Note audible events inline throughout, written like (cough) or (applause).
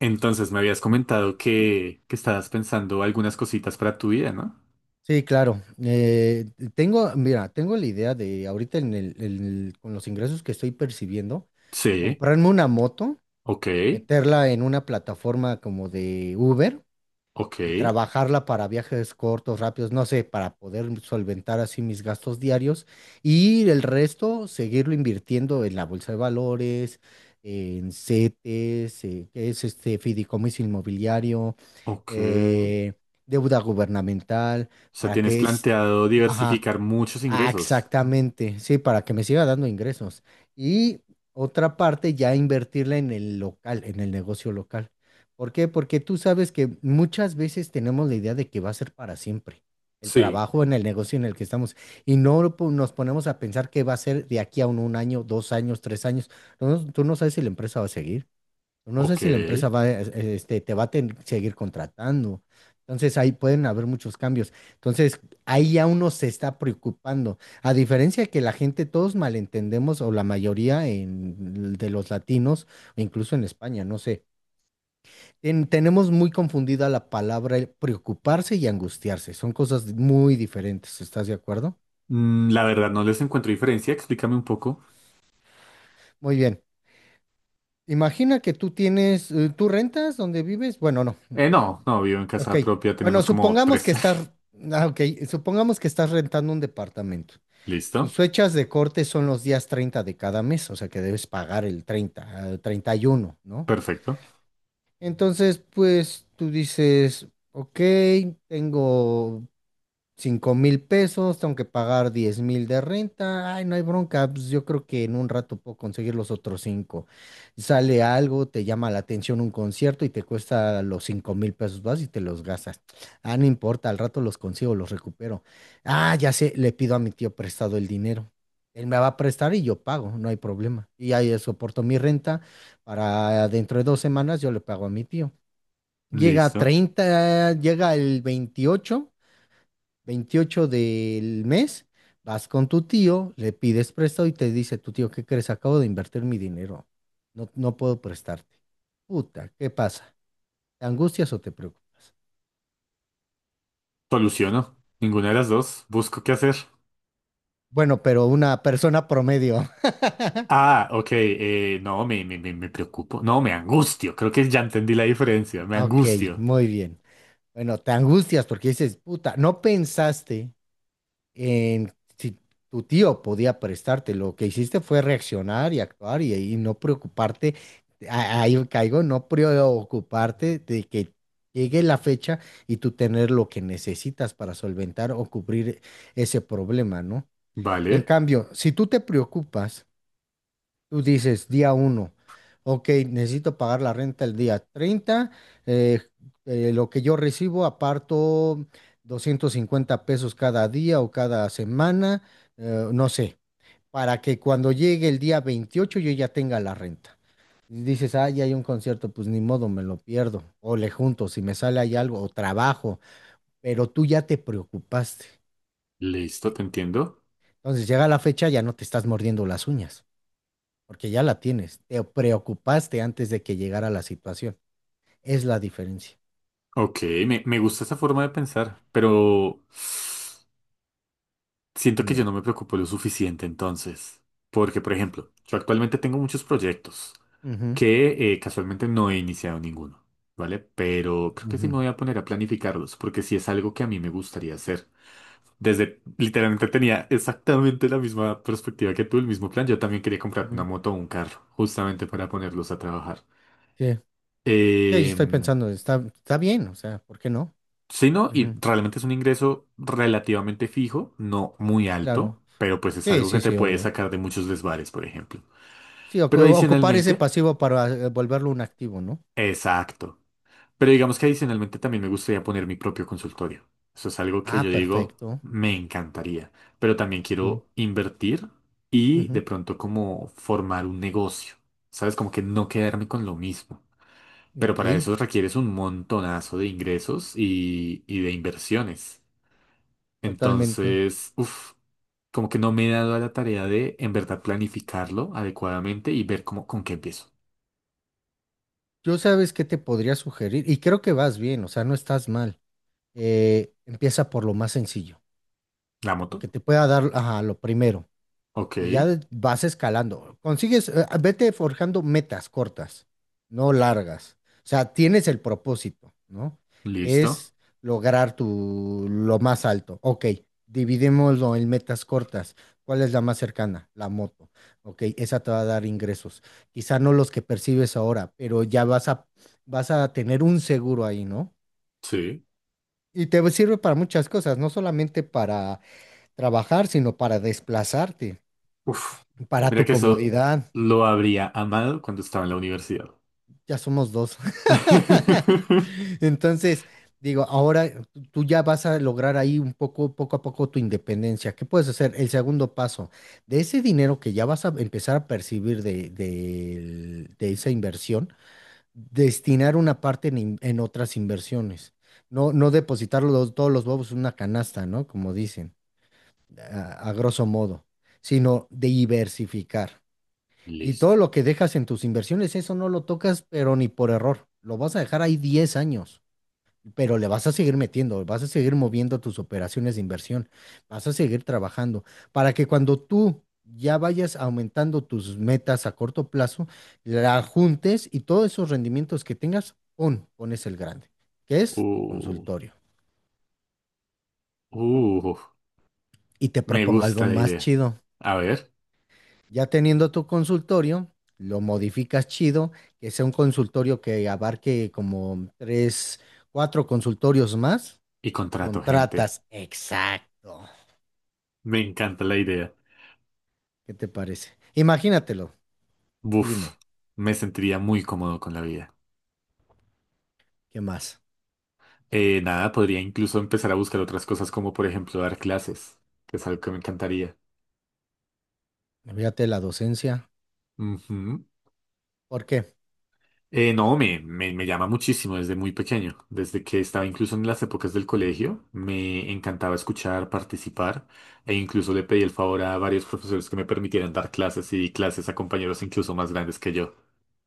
Entonces me habías comentado que estabas pensando algunas cositas para tu vida, ¿no? Sí, claro. Tengo, mira, tengo la idea de ahorita en el, con los ingresos que estoy percibiendo, Sí, comprarme una moto, ok, meterla en una plataforma como de Uber ok, y trabajarla para viajes cortos, rápidos, no sé, para poder solventar así mis gastos diarios y el resto seguirlo invirtiendo en la bolsa de valores, en CETES, que es este fideicomiso inmobiliario, ok. O eh, deuda gubernamental, sea, para tienes que es, planteado ajá. diversificar muchos Ah, ingresos. exactamente, sí, para que me siga dando ingresos. Y otra parte ya invertirla en el local, en el negocio local. ¿Por qué? Porque tú sabes que muchas veces tenemos la idea de que va a ser para siempre el Sí, trabajo en el negocio en el que estamos y no lo po- nos ponemos a pensar que va a ser de aquí a un año, dos años, tres años. No, tú no sabes si la empresa va a seguir. No sé ok. si la empresa va, este, te va a ten- seguir contratando. Entonces ahí pueden haber muchos cambios. Entonces ahí ya uno se está preocupando. A diferencia de que la gente, todos malentendemos, o la mayoría de los latinos, o incluso en España, no sé, tenemos muy confundida la palabra el preocuparse y angustiarse. Son cosas muy diferentes. ¿Estás de acuerdo? La verdad no les encuentro diferencia, explícame un poco. Muy bien. Imagina que tú rentas donde vives. Bueno, no. No, no, vivo en Ok, casa propia, bueno, tenemos como supongamos tres. que estás, ah, ok, supongamos que estás rentando un departamento. (laughs) Tus ¿Listo? fechas de corte son los días 30 de cada mes, o sea que debes pagar el 30 el 31, ¿no? Perfecto. Entonces, pues tú dices, ok, tengo 5,000 pesos, tengo que pagar 10,000 de renta, ay, no hay bronca, pues yo creo que en un rato puedo conseguir los otros cinco. Sale algo, te llama la atención un concierto y te cuesta los 5,000 pesos, vas y te los gastas. Ah, no importa, al rato los consigo, los recupero. Ah, ya sé, le pido a mi tío prestado el dinero. Él me va a prestar y yo pago, no hay problema. Y ahí soporto mi renta para dentro de 2 semanas yo le pago a mi tío. Llega a Listo. 30, llega el veintiocho del mes, vas con tu tío, le pides prestado y te dice, tu tío, ¿qué crees? Acabo de invertir mi dinero. No, no puedo prestarte. Puta, ¿qué pasa? ¿Te angustias o te preocupas? Soluciono. Ninguna de las dos. Busco qué hacer. Bueno, pero una persona promedio. (laughs) Ah, ok, no, me preocupo. No, me angustio. Creo que ya entendí la diferencia. Me Ok, angustio. muy bien. Bueno, te angustias porque dices, puta, no pensaste en- si tu tío podía prestarte, lo que hiciste fue reaccionar y actuar y no preocuparte, ahí caigo, no preocuparte de que llegue la fecha y tú tener lo que necesitas para solventar o cubrir ese problema, ¿no? En Vale, cambio, si tú te preocupas, tú dices día uno, ok, necesito pagar la renta el día 30. eh, lo que yo recibo aparto 250 pesos cada día o cada semana, no sé, para que cuando llegue el día 28 yo ya tenga la renta. Y dices, ah, ya hay un concierto, pues ni modo, me lo pierdo, o le junto, si me sale ahí algo, o trabajo, pero tú ya te preocupaste. listo, Y te entiendo. entonces llega la fecha, ya no te estás mordiendo las uñas, porque ya la tienes. Te preocupaste antes de que llegara la situación. Es la diferencia. Ok, me gusta esa forma de pensar, pero siento que yo Dime. no me preocupo lo suficiente entonces. Porque, por ejemplo, yo actualmente tengo muchos proyectos Ujú, que casualmente no he iniciado ninguno, ¿vale? Pero creo que sí ujú, me voy a poner a planificarlos, porque sí es algo que a mí me gustaría hacer. Desde, literalmente tenía exactamente la misma perspectiva que tú, el mismo plan. Yo también quería comprar una ujú. moto o un carro, justamente para ponerlos a trabajar. Sí, sí, yo Eh, estoy pensando, está bien, o sea, ¿por qué no? sí, no, y Ujú, realmente es un ingreso relativamente fijo, no muy alto, claro. pero pues es Sí, algo que sí, te sí, puede obvio. sacar de muchos desvares, por ejemplo. Sí, ocu- Pero ocupar ese adicionalmente, pasivo para volverlo un activo, ¿no? exacto. Pero digamos que adicionalmente también me gustaría poner mi propio consultorio. Eso es algo que Ah, yo digo, perfecto. me encantaría. Pero también Sí. quiero invertir y de Ujú. pronto como formar un negocio. ¿Sabes? Como que no quedarme con lo mismo. Pero Ok, para eso requieres un montonazo de ingresos y de inversiones. totalmente. Entonces, uff, como que no me he dado a la tarea de en verdad planificarlo adecuadamente y ver cómo, con qué empiezo. Yo sabes qué te podría sugerir, y creo que vas bien, o sea, no estás mal. Empieza por lo más sencillo, ¿La lo moto? que te pueda dar, ajá, lo primero. Ok, Y ya vas escalando. Consigues, vete forjando metas cortas, no largas. O sea, tienes el propósito, ¿no? Que listo. es lograr tu lo más alto. Ok, dividémoslo en metas cortas. ¿Cuál es la más cercana? La moto. Ok, esa te va a dar ingresos. Quizá no los que percibes ahora, pero ya vas a tener un seguro ahí, ¿no? Sí. Y te sirve para muchas cosas, no solamente para trabajar, sino para desplazarte, Uf, para mira tu que eso comodidad. lo habría amado cuando estaba en la universidad. Ya somos dos. (laughs) (laughs) Entonces, digo, ahora tú ya vas a lograr ahí un poco, poco a poco tu independencia. ¿Qué puedes hacer? El segundo paso, de ese dinero que ya vas a empezar a percibir de esa inversión, destinar una parte en otras inversiones. No, no depositar todos los huevos en una canasta, ¿no? Como dicen, a grosso modo, sino diversificar. Y Listo. todo lo que dejas en tus inversiones, eso no lo tocas, pero ni por error. Lo vas a dejar ahí 10 años, pero le vas a seguir metiendo, vas a seguir moviendo tus operaciones de inversión, vas a seguir trabajando para que cuando tú ya vayas aumentando tus metas a corto plazo, la juntes y todos esos rendimientos que tengas, pones el grande, que es tu Uh, consultorio. uh, Y te me propongo algo gusta la más idea. chido. A ver, Ya teniendo tu consultorio, lo modificas chido, que sea un consultorio que abarque como tres, cuatro consultorios más. y contrato gente. Contratas, exacto. Me encanta la idea. ¿Qué te parece? Imagínatelo. Tú Uf, dime, me sentiría muy cómodo con la vida. ¿qué más? Nada, podría incluso empezar a buscar otras cosas como por ejemplo dar clases, que es algo que me encantaría. Fíjate la docencia. Ujú. ¿Por qué? No, me llama muchísimo desde muy pequeño, desde que estaba incluso en las épocas del colegio, me encantaba escuchar, participar e incluso le pedí el favor a varios profesores que me permitieran dar clases y di clases a compañeros incluso más grandes que yo.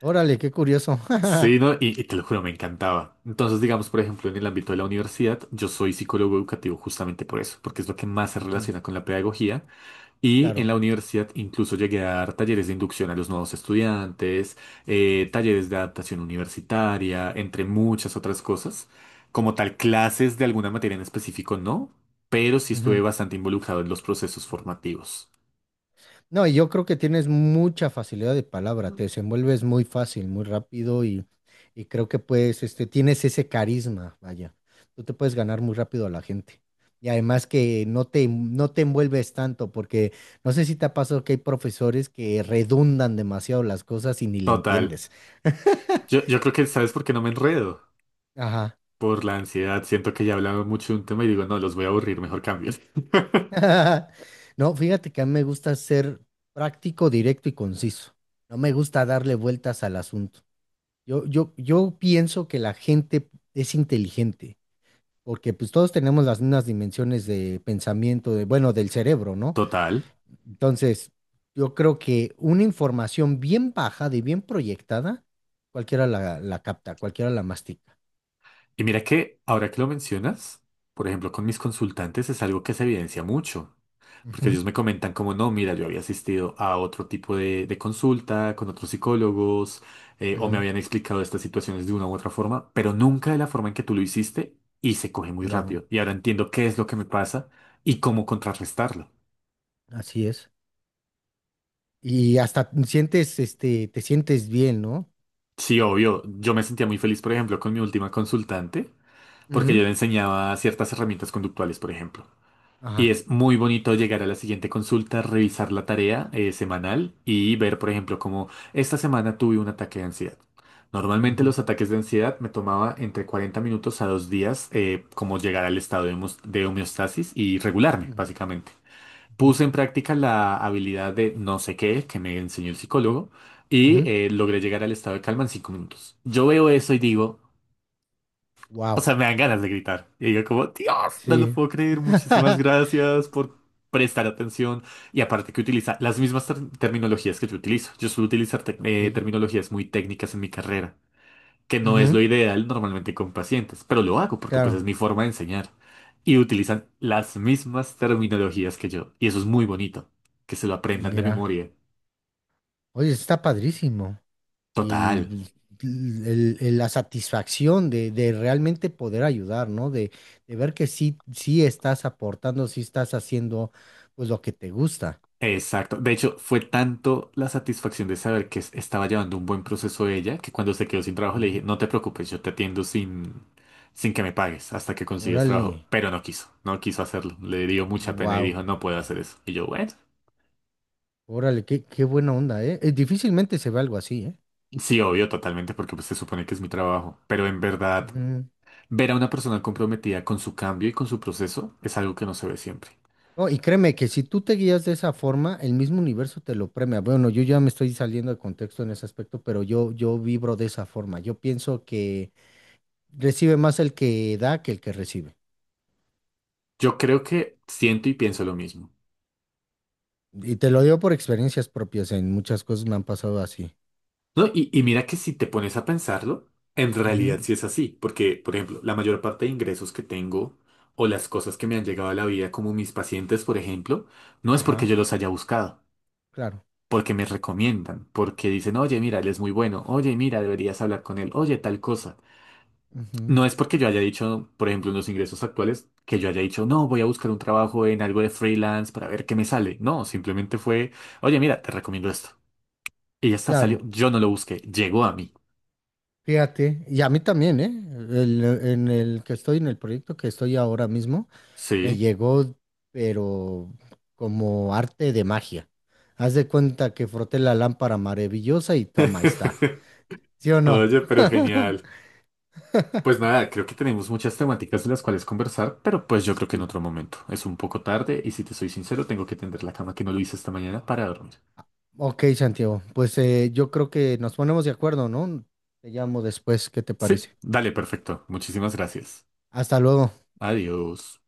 Órale, qué curioso. Sí, (laughs) ¿no? Y te lo juro, me encantaba. Entonces, digamos, por ejemplo, en el ámbito de la universidad, yo soy psicólogo educativo justamente por eso, porque es lo que más se Ujú, relaciona con la pedagogía y en claro. la universidad incluso llegué a dar talleres de inducción a los nuevos estudiantes, talleres de adaptación universitaria, entre muchas otras cosas. Como tal, clases de alguna materia en específico no, pero sí estuve Ujú. bastante involucrado en los procesos formativos. No, y yo creo que tienes mucha facilidad de palabra, te desenvuelves muy fácil, muy rápido y creo que puedes, tienes ese carisma, vaya, tú te puedes ganar muy rápido a la gente. Y además que no te envuelves tanto, porque no sé si te ha pasado que hay profesores que redundan demasiado las cosas y ni le Total. entiendes. Yo creo que sabes por qué no me enredo. Ajá. Por la ansiedad. Siento que ya he hablado mucho de un tema y digo, no, los voy a aburrir, mejor cambio. (laughs) No, fíjate que a mí me gusta ser práctico, directo y conciso. No me gusta darle vueltas al asunto. Yo pienso que la gente es inteligente, porque pues todos tenemos las mismas dimensiones de pensamiento, bueno, del cerebro, ¿no? (laughs) Total. Entonces, yo creo que una información bien bajada y bien proyectada, cualquiera la capta, cualquiera la mastica. Y mira que ahora que lo mencionas, por ejemplo, con mis consultantes es algo que se evidencia mucho. Porque Ujú. ellos me comentan como, no, mira, yo había asistido a otro tipo de consulta con otros psicólogos, o me Ujú, habían explicado estas situaciones de una u otra forma, pero nunca de la forma en que tú lo hiciste y se coge muy claro, rápido. Y ahora entiendo qué es lo que me pasa y cómo contrarrestarlo. así es. Y hasta te sientes bien, ¿no? Sí, obvio, yo me sentía muy feliz, por ejemplo, con mi última consultante, porque yo Ujú. le enseñaba ciertas herramientas conductuales, por ejemplo. Y Ajá. es muy bonito llegar a la siguiente consulta, revisar la tarea semanal y ver, por ejemplo, como esta semana tuve un ataque de ansiedad. Normalmente Ujú, los ataques de ansiedad me tomaba entre 40 minutos a 2 días como llegar al estado de de homeostasis y regularme, ujú, básicamente. ujú. Puse en práctica la habilidad de no sé qué que me enseñó el psicólogo y logré llegar al estado de calma en 5 minutos. Yo veo eso y digo, o Wow. sea, me dan ganas de gritar. Y yo como, Dios, no lo Sí. puedo creer. Muchísimas (laughs) gracias por prestar atención. Y aparte que utiliza las mismas terminologías que yo utilizo. Yo suelo utilizar Ok. Terminologías muy técnicas en mi carrera, que no es Ujú, lo ideal normalmente con pacientes, pero lo hago porque pues es claro. mi forma de enseñar. Y utilizan las mismas terminologías que yo. Y eso es muy bonito, que se lo aprendan de Mira, memoria. oye, está padrísimo. Y Total. pues, la satisfacción de realmente poder ayudar, ¿no? De ver que sí, sí estás aportando, sí estás haciendo pues lo que te gusta. Exacto. De hecho, fue tanto la satisfacción de saber que estaba llevando un buen proceso ella, que cuando se quedó sin trabajo le dije, Ujú. no te preocupes, yo te atiendo sin, sin que me pagues hasta que consigues Órale, trabajo. Pero no quiso, no quiso hacerlo. Le dio mucha pena y wow, dijo, no puedo hacer eso. Y yo, bueno, órale, qué buena onda, ¿eh? Difícilmente se ve algo así, ¿eh? sí, obvio, totalmente, porque pues, se supone que es mi trabajo. Pero en verdad, Ujú. ver a una persona comprometida con su cambio y con su proceso es algo que no se ve siempre. No, y créeme que si tú te guías de esa forma, el mismo universo te lo premia. Bueno, yo ya me estoy saliendo de contexto en ese aspecto, pero yo vibro de esa forma. Yo pienso que recibe más el que da que el que recibe. Yo creo que siento y pienso lo mismo. Y te lo digo por experiencias propias, en muchas cosas me han pasado así. No, y mira que si te pones a pensarlo, en realidad Ujú. sí es así, porque, por ejemplo, la mayor parte de ingresos que tengo o las cosas que me han llegado a la vida, como mis pacientes, por ejemplo, no es porque Ajá, yo los haya buscado, claro. porque me recomiendan, porque dicen, oye, mira, él es muy bueno, oye, mira, deberías hablar con él, oye, tal cosa. Ujú, No es porque yo haya dicho, por ejemplo, en los ingresos actuales, que yo haya dicho, no, voy a buscar un trabajo en algo de freelance para ver qué me sale. No, simplemente fue, oye, mira, te recomiendo esto. Y ya está, salió. claro. Yo no lo busqué, llegó a mí. Fíjate, y a mí también, ¿eh? En el que estoy, en el proyecto que estoy ahora mismo, me Sí. llegó, pero como arte de magia. Haz de cuenta que froté la lámpara maravillosa y toma, ahí está. (laughs) ¿Sí o no? Oye, pero (laughs) genial. Pues nada, creo que tenemos muchas temáticas de las cuales conversar, pero pues yo creo que en Sí. otro momento. Es un poco tarde y si te soy sincero, tengo que tender la cama que no lo hice esta mañana para dormir. Ok, Santiago, pues yo creo que nos ponemos de acuerdo, ¿no? Te llamo después, ¿qué te Sí, parece? dale, perfecto. Muchísimas gracias. Hasta luego. Adiós.